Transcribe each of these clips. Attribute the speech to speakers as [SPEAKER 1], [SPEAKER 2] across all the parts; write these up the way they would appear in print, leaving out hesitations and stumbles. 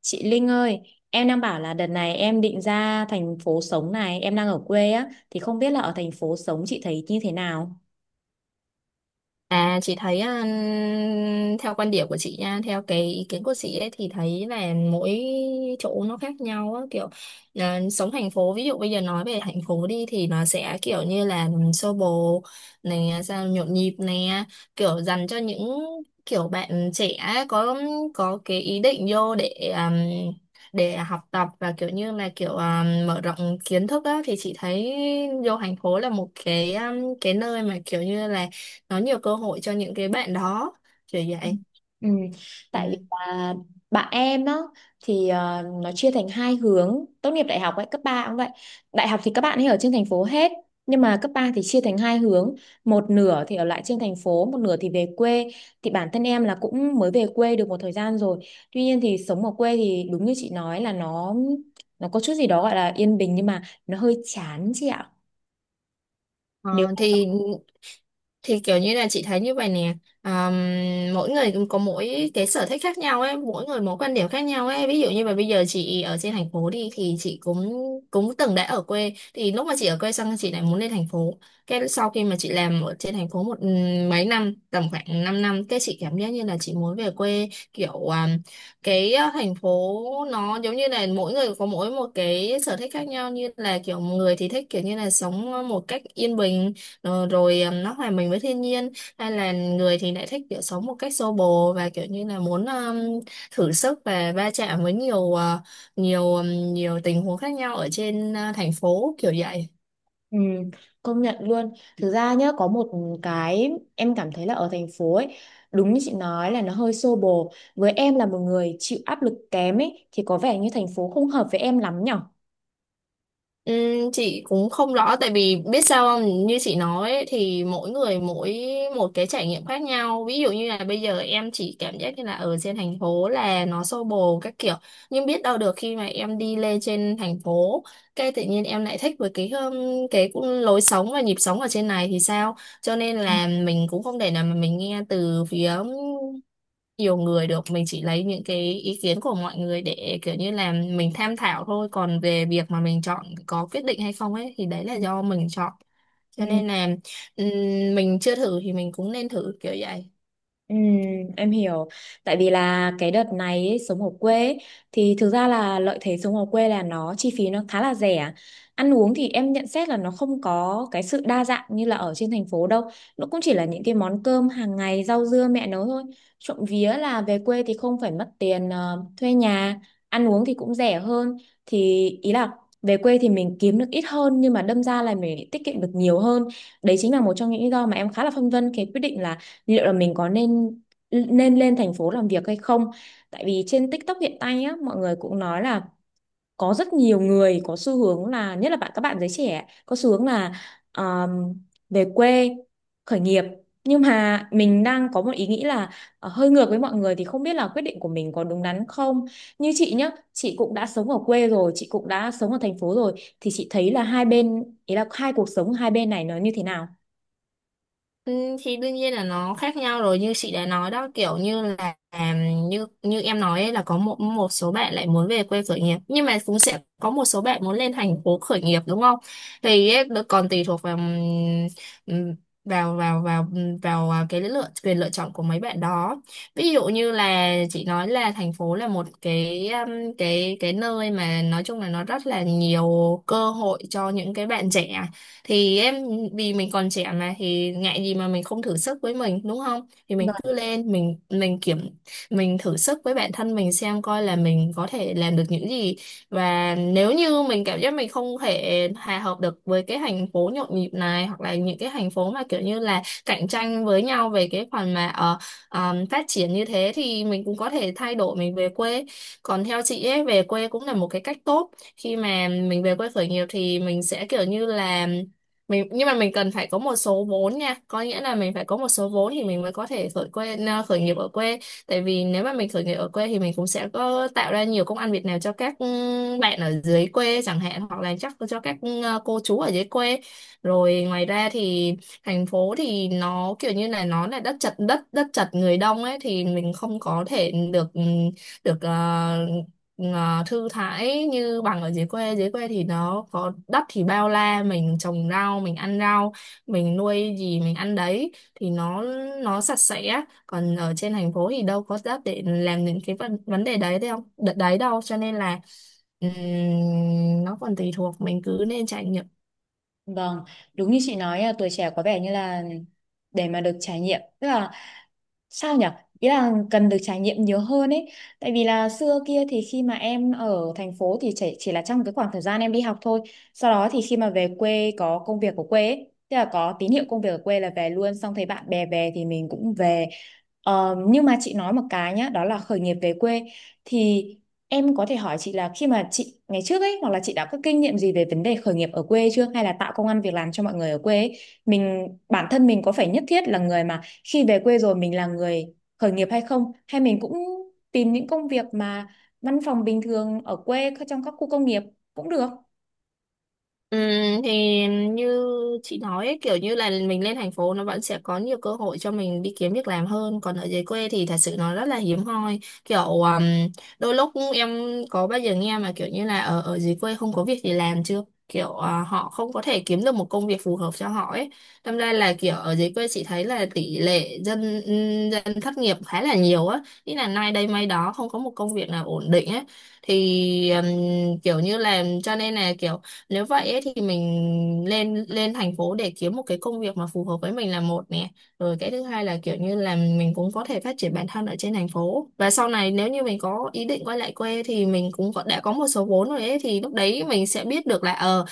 [SPEAKER 1] Chị Linh ơi, em đang bảo là đợt này em định ra thành phố sống này, em đang ở quê á, thì không biết là ở thành phố sống chị thấy như thế nào?
[SPEAKER 2] À, chị thấy à, theo quan điểm của chị nha, theo cái ý kiến của chị ấy thì thấy là mỗi chỗ nó khác nhau á, kiểu sống thành phố, ví dụ bây giờ nói về thành phố đi thì nó sẽ kiểu như là xô bồ này à, sao nhộn nhịp này, kiểu dành cho những kiểu bạn trẻ có có cái ý định vô à, để học tập và kiểu như là kiểu mở rộng kiến thức á, thì chị thấy vô thành phố là một cái nơi mà kiểu như là nó nhiều cơ hội cho những cái bạn đó, kiểu
[SPEAKER 1] Ừ.
[SPEAKER 2] vậy.
[SPEAKER 1] Ừ. Tại vì
[SPEAKER 2] Ừ.
[SPEAKER 1] là bạn em đó thì nó chia thành hai hướng. Tốt nghiệp đại học ấy, cấp 3 cũng vậy. Đại học thì các bạn ấy ở trên thành phố hết, nhưng mà cấp 3 thì chia thành hai hướng, một nửa thì ở lại trên thành phố, một nửa thì về quê. Thì bản thân em là cũng mới về quê được một thời gian rồi. Tuy nhiên thì sống ở quê thì đúng như chị nói là nó có chút gì đó gọi là yên bình, nhưng mà nó hơi chán chị ạ. Nếu.
[SPEAKER 2] Ờ, thì kiểu như là chị thấy như vậy nè. À, mỗi người cũng có mỗi cái sở thích khác nhau ấy, mỗi người mỗi quan điểm khác nhau ấy, ví dụ như là bây giờ chị ở trên thành phố đi thì chị cũng cũng từng đã ở quê, thì lúc mà chị ở quê xong chị lại muốn lên thành phố, cái sau khi mà chị làm ở trên thành phố một mấy năm, tầm khoảng 5 năm năm, cái chị cảm giác như là chị muốn về quê, kiểu cái thành phố nó giống như là mỗi người có mỗi một cái sở thích khác nhau, như là kiểu người thì thích kiểu như là sống một cách yên bình, rồi nó hòa mình với thiên nhiên, hay là người thì lại thích kiểu sống một cách xô bồ và kiểu như là muốn thử sức và va chạm với nhiều ờ, nhiều nhiều tình huống khác nhau ở trên thành phố, kiểu vậy.
[SPEAKER 1] Ừ, công nhận luôn. Thực ra nhá, có một cái em cảm thấy là ở thành phố ấy, đúng như chị nói là nó hơi xô bồ. Với em là một người chịu áp lực kém ấy, thì có vẻ như thành phố không hợp với em lắm nhở?
[SPEAKER 2] Chị cũng không rõ, tại vì biết sao không, như chị nói ấy, thì mỗi người mỗi một cái trải nghiệm khác nhau, ví dụ như là bây giờ em chỉ cảm giác như là ở trên thành phố là nó xô bồ các kiểu, nhưng biết đâu được khi mà em đi lên trên thành phố cái tự nhiên em lại thích với cái cũng lối sống và nhịp sống ở trên này thì sao, cho nên
[SPEAKER 1] Ừ.
[SPEAKER 2] là mình cũng không thể nào mà mình nghe từ phía nhiều người được, mình chỉ lấy những cái ý kiến của mọi người để kiểu như là mình tham khảo thôi, còn về việc mà mình chọn có quyết định hay không ấy thì đấy là do mình chọn,
[SPEAKER 1] Ừ.
[SPEAKER 2] cho nên là ừm, mình chưa thử thì mình cũng nên thử, kiểu vậy.
[SPEAKER 1] Ừ, em hiểu. Tại vì là cái đợt này ấy, sống ở quê ấy, thì thực ra là lợi thế sống ở quê là nó chi phí nó khá là rẻ. Ăn uống thì em nhận xét là nó không có cái sự đa dạng như là ở trên thành phố đâu. Nó cũng chỉ là những cái món cơm hàng ngày, rau dưa mẹ nấu thôi. Trộm vía là về quê thì không phải mất tiền thuê nhà, ăn uống thì cũng rẻ hơn. Thì ý là về quê thì mình kiếm được ít hơn, nhưng mà đâm ra là mình tiết kiệm được nhiều hơn. Đấy chính là một trong những lý do mà em khá là phân vân cái quyết định là liệu là mình có nên nên lên thành phố làm việc hay không. Tại vì trên TikTok hiện tại á, mọi người cũng nói là có rất nhiều người có xu hướng là, nhất là các bạn giới trẻ có xu hướng là um, về quê khởi nghiệp. Nhưng mà mình đang có một ý nghĩ là hơi ngược với mọi người, thì không biết là quyết định của mình có đúng đắn không. Như chị nhá, chị cũng đã sống ở quê rồi, chị cũng đã sống ở thành phố rồi, thì chị thấy là hai bên, ý là hai cuộc sống hai bên này nó như thế nào.
[SPEAKER 2] Ừ, thì đương nhiên là nó khác nhau rồi, như chị đã nói đó, kiểu như là như như em nói ấy, là có một một số bạn lại muốn về quê khởi nghiệp nhưng mà cũng sẽ có một số bạn muốn lên thành phố khởi nghiệp, đúng không, thì ấy, nó còn tùy thuộc vào ừm, vào vào vào vào à, cái lựa chọn của mấy bạn đó, ví dụ như là chị nói là thành phố là một cái nơi mà nói chung là nó rất là nhiều cơ hội cho những cái bạn trẻ, thì em, vì mình còn trẻ mà thì ngại gì mà mình không thử sức với mình đúng không, thì mình cứ lên mình thử sức với bản thân mình xem coi là mình có thể làm được những gì, và nếu như mình cảm giác mình không thể hòa hợp được với cái thành phố nhộn nhịp này hoặc là những cái thành phố mà kiểu như là cạnh tranh với nhau về cái phần mà phát triển như thế thì mình cũng có thể thay đổi mình về quê, còn theo chị ấy về quê cũng là một cái cách tốt, khi mà mình về quê khởi nghiệp thì mình sẽ kiểu như là mình, nhưng mà mình cần phải có một số vốn nha, có nghĩa là mình phải có một số vốn thì mình mới có thể khởi nghiệp ở quê, tại vì nếu mà mình khởi nghiệp ở quê thì mình cũng sẽ có tạo ra nhiều công ăn việc làm cho các bạn ở dưới quê chẳng hạn, hoặc là chắc cho các cô chú ở dưới quê, rồi ngoài ra thì thành phố thì nó kiểu như là nó là đất chật đất đất chật người đông ấy, thì mình không có thể được được thư thái như bằng ở dưới quê, dưới quê thì nó có đất thì bao la, mình trồng rau mình ăn rau, mình nuôi gì mình ăn đấy, thì nó sạch sẽ, còn ở trên thành phố thì đâu có đất để làm những cái vấn vấn đề đấy đâu, cho nên là nó còn tùy thuộc, mình cứ nên trải nghiệm.
[SPEAKER 1] Vâng, đúng như chị nói à, tuổi trẻ có vẻ như là để mà được trải nghiệm, tức là sao nhở? Ý là cần được trải nghiệm nhiều hơn ấy. Tại vì là xưa kia thì khi mà em ở thành phố thì chỉ là trong cái khoảng thời gian em đi học thôi. Sau đó thì khi mà về quê có công việc ở quê ấy, tức là có tín hiệu công việc ở quê là về luôn, xong thấy bạn bè về thì mình cũng về. Ờ, nhưng mà chị nói một cái nhá, đó là khởi nghiệp về quê, thì em có thể hỏi chị là khi mà chị ngày trước ấy, hoặc là chị đã có kinh nghiệm gì về vấn đề khởi nghiệp ở quê chưa, hay là tạo công ăn việc làm cho mọi người ở quê ấy? Mình, bản thân mình có phải nhất thiết là người mà khi về quê rồi mình là người khởi nghiệp hay không, hay mình cũng tìm những công việc mà văn phòng bình thường ở quê, trong các khu công nghiệp cũng được.
[SPEAKER 2] Ừ, thì như chị nói ấy, kiểu như là mình lên thành phố nó vẫn sẽ có nhiều cơ hội cho mình đi kiếm việc làm hơn, còn ở dưới quê thì thật sự nó rất là hiếm hoi, kiểu đôi lúc em có bao giờ nghe mà kiểu như là ở ở dưới quê không có việc gì làm chưa, kiểu họ không có thể kiếm được một công việc phù hợp cho họ ấy, đâm ra là kiểu ở dưới quê chị thấy là tỷ lệ dân dân thất nghiệp khá là nhiều á, ý là nay đây mai đó không có một công việc nào ổn định ấy, thì kiểu như là cho nên là kiểu, nếu vậy ấy, thì mình lên lên thành phố để kiếm một cái công việc mà phù hợp với mình là một nè. Rồi cái thứ hai là kiểu như là mình cũng có thể phát triển bản thân ở trên thành phố. Và sau này nếu như mình có ý định quay lại quê thì mình cũng có, đã có một số vốn rồi ấy, thì lúc đấy mình sẽ biết được là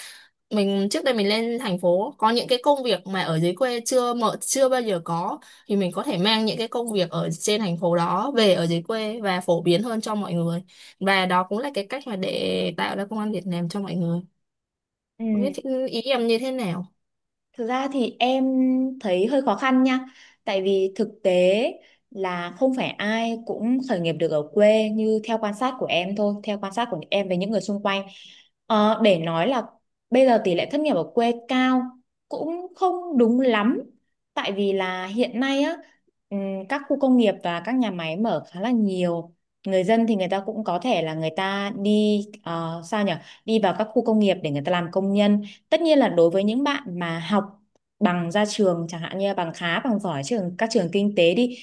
[SPEAKER 2] mình trước đây mình lên thành phố có những cái công việc mà ở dưới quê chưa mở chưa bao giờ có, thì mình có thể mang những cái công việc ở trên thành phố đó về ở dưới quê và phổ biến hơn cho mọi người. Và đó cũng là cái cách mà để tạo ra công ăn việc làm cho mọi người. Không biết
[SPEAKER 1] Ừ.
[SPEAKER 2] ý em như thế nào?
[SPEAKER 1] Thực ra thì em thấy hơi khó khăn nha, tại vì thực tế là không phải ai cũng khởi nghiệp được ở quê, như theo quan sát của em thôi, theo quan sát của em với những người xung quanh. Ờ, để nói là bây giờ tỷ lệ thất nghiệp ở quê cao cũng không đúng lắm, tại vì là hiện nay á, ừm, các khu công nghiệp và các nhà máy mở khá là nhiều. Người dân thì người ta cũng có thể là người ta đi sao nhỉ? Đi vào các khu công nghiệp để người ta làm công nhân. Tất nhiên là đối với những bạn mà học bằng ra trường, chẳng hạn như là bằng khá, bằng giỏi trường các trường kinh tế đi,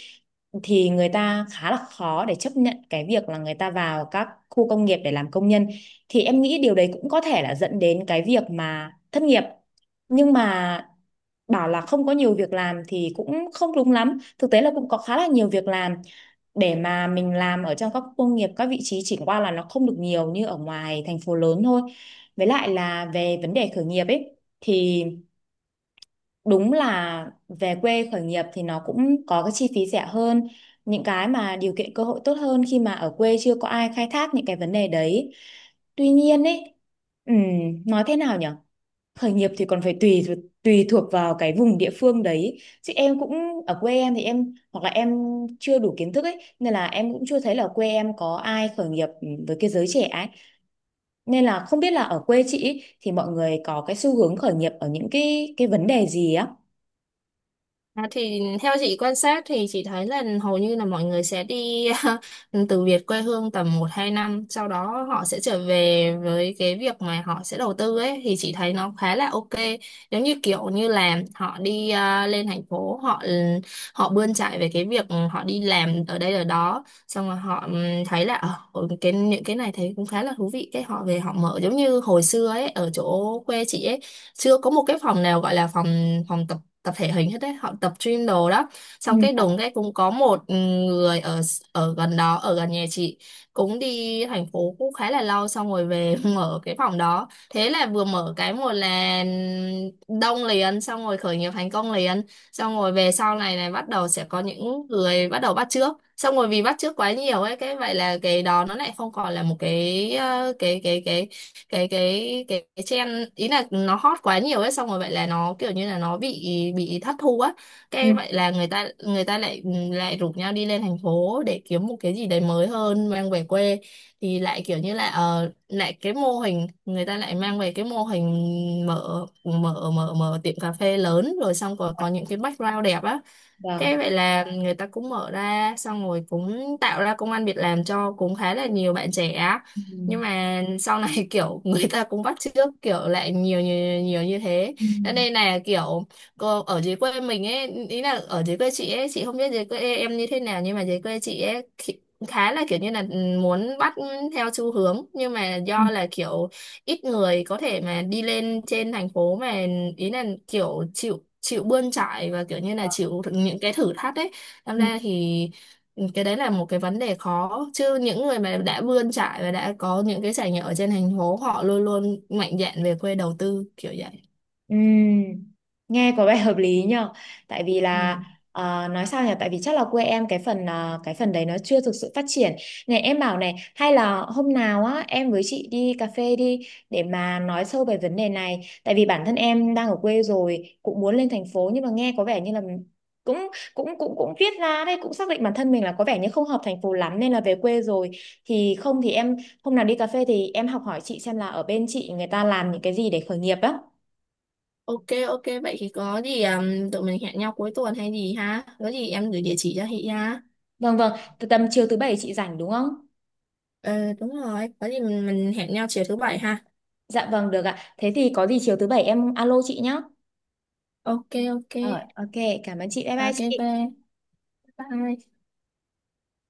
[SPEAKER 1] thì người ta khá là khó để chấp nhận cái việc là người ta vào các khu công nghiệp để làm công nhân. Thì em nghĩ điều đấy cũng có thể là dẫn đến cái việc mà thất nghiệp. Nhưng mà bảo là không có nhiều việc làm thì cũng không đúng lắm, thực tế là cũng có khá là nhiều việc làm để mà mình làm ở trong các khu công nghiệp, các vị trí chỉ qua là nó không được nhiều như ở ngoài thành phố lớn thôi. Với lại là về vấn đề khởi nghiệp ấy, thì đúng là về quê khởi nghiệp thì nó cũng có cái chi phí rẻ hơn, những cái mà điều kiện cơ hội tốt hơn khi mà ở quê chưa có ai khai thác những cái vấn đề đấy. Tuy nhiên ấy, ừm, nói thế nào nhỉ? Khởi nghiệp thì còn phải tùy thuộc vào cái vùng địa phương đấy. Chứ em cũng, ở quê em thì em hoặc là em chưa đủ kiến thức ấy, nên là em cũng chưa thấy là quê em có ai khởi nghiệp với cái giới trẻ ấy, nên là không biết là ở quê chị ý, thì mọi người có cái xu hướng khởi nghiệp ở những cái vấn đề gì á?
[SPEAKER 2] À, thì theo chị quan sát thì chị thấy là hầu như là mọi người sẽ đi từ Việt quê hương tầm một hai năm, sau đó họ sẽ trở về với cái việc mà họ sẽ đầu tư ấy, thì chị thấy nó khá là OK, giống như kiểu như là họ đi lên thành phố, họ họ bươn chải về cái việc họ đi làm ở đây ở đó xong rồi họ thấy là cái những cái này thấy cũng khá là thú vị, cái họ về họ mở, giống như hồi xưa ấy, ở chỗ quê chị ấy chưa có một cái phòng nào gọi là phòng phòng tập tập thể hình hết đấy, họ tập gym đồ đó,
[SPEAKER 1] Ừ.
[SPEAKER 2] xong cái
[SPEAKER 1] Vâng.
[SPEAKER 2] đùng cái cũng có một người ở ở gần đó, ở gần nhà chị, cũng đi thành phố cũng khá là lâu xong rồi về mở cái phòng đó, thế là vừa mở cái một là đông liền, xong rồi khởi nghiệp thành công liền, xong rồi về sau này này bắt đầu sẽ có những người bắt đầu bắt chước, xong rồi vì bắt chước quá nhiều ấy cái vậy là cái đó nó lại không còn là một cái trend, ý là nó hot quá nhiều ấy, xong rồi vậy là nó kiểu như là nó bị thất thu á,
[SPEAKER 1] Ừ.
[SPEAKER 2] cái vậy là người ta lại rủ nhau đi lên thành phố để kiếm một cái gì đấy mới hơn mang về quê, thì lại kiểu như là lại cái mô hình, người ta lại mang về cái mô hình mở mở mở mở tiệm cà phê lớn, rồi xong rồi có những cái background đẹp á, cái
[SPEAKER 1] Vâng.
[SPEAKER 2] vậy là người ta cũng mở ra xong rồi cũng tạo ra công ăn việc làm cho cũng khá là nhiều bạn trẻ á.
[SPEAKER 1] Ừ.
[SPEAKER 2] Nhưng mà sau này kiểu người ta cũng bắt chước kiểu lại nhiều nhiều nhiều như thế.
[SPEAKER 1] Ừ.
[SPEAKER 2] Cho nên là kiểu cô ở dưới quê mình ấy, ý là ở dưới quê chị ấy, chị không biết dưới quê em như thế nào nhưng mà dưới quê chị ấy khá là kiểu như là muốn bắt theo xu hướng, nhưng mà do là kiểu ít người có thể mà đi lên trên thành phố mà, ý là kiểu chịu chịu bươn chải và kiểu như là chịu những cái thử thách đấy. Làm
[SPEAKER 1] Ừ.
[SPEAKER 2] ra thì cái đấy là một cái vấn đề khó, chứ những người mà đã bươn chải và đã có những cái trải nghiệm ở trên thành phố họ luôn luôn mạnh dạn về quê đầu tư, kiểu vậy.
[SPEAKER 1] Ừm, nghe có vẻ hợp lý nhờ. Tại vì là
[SPEAKER 2] Ừ.
[SPEAKER 1] nói sao nhỉ, tại vì chắc là quê em cái phần đấy nó chưa thực sự phát triển. Này em bảo này, hay là hôm nào á em với chị đi cà phê đi, để mà nói sâu về vấn đề này. Tại vì bản thân em đang ở quê rồi cũng muốn lên thành phố, nhưng mà nghe có vẻ như là cũng, cũng cũng cũng viết ra đây, cũng xác định bản thân mình là có vẻ như không hợp thành phố lắm, nên là về quê rồi. Thì không thì em, hôm nào đi cà phê thì em học hỏi chị xem là ở bên chị người ta làm những cái gì để khởi nghiệp á.
[SPEAKER 2] OK, OK, vậy thì có gì tụi mình hẹn nhau cuối tuần hay gì ha, có gì em gửi địa chỉ cho chị ha.
[SPEAKER 1] Vâng, vâng, từ tầm chiều thứ bảy chị rảnh đúng không?
[SPEAKER 2] Ờ, đúng rồi, có gì mình hẹn nhau chiều thứ bảy ha.
[SPEAKER 1] Dạ vâng, được ạ. Thế thì có gì chiều thứ bảy em alo chị nhé.
[SPEAKER 2] OK. OK.
[SPEAKER 1] Ờ, ok, cảm ơn chị. Bye bye
[SPEAKER 2] OK,
[SPEAKER 1] chị.
[SPEAKER 2] bye bye.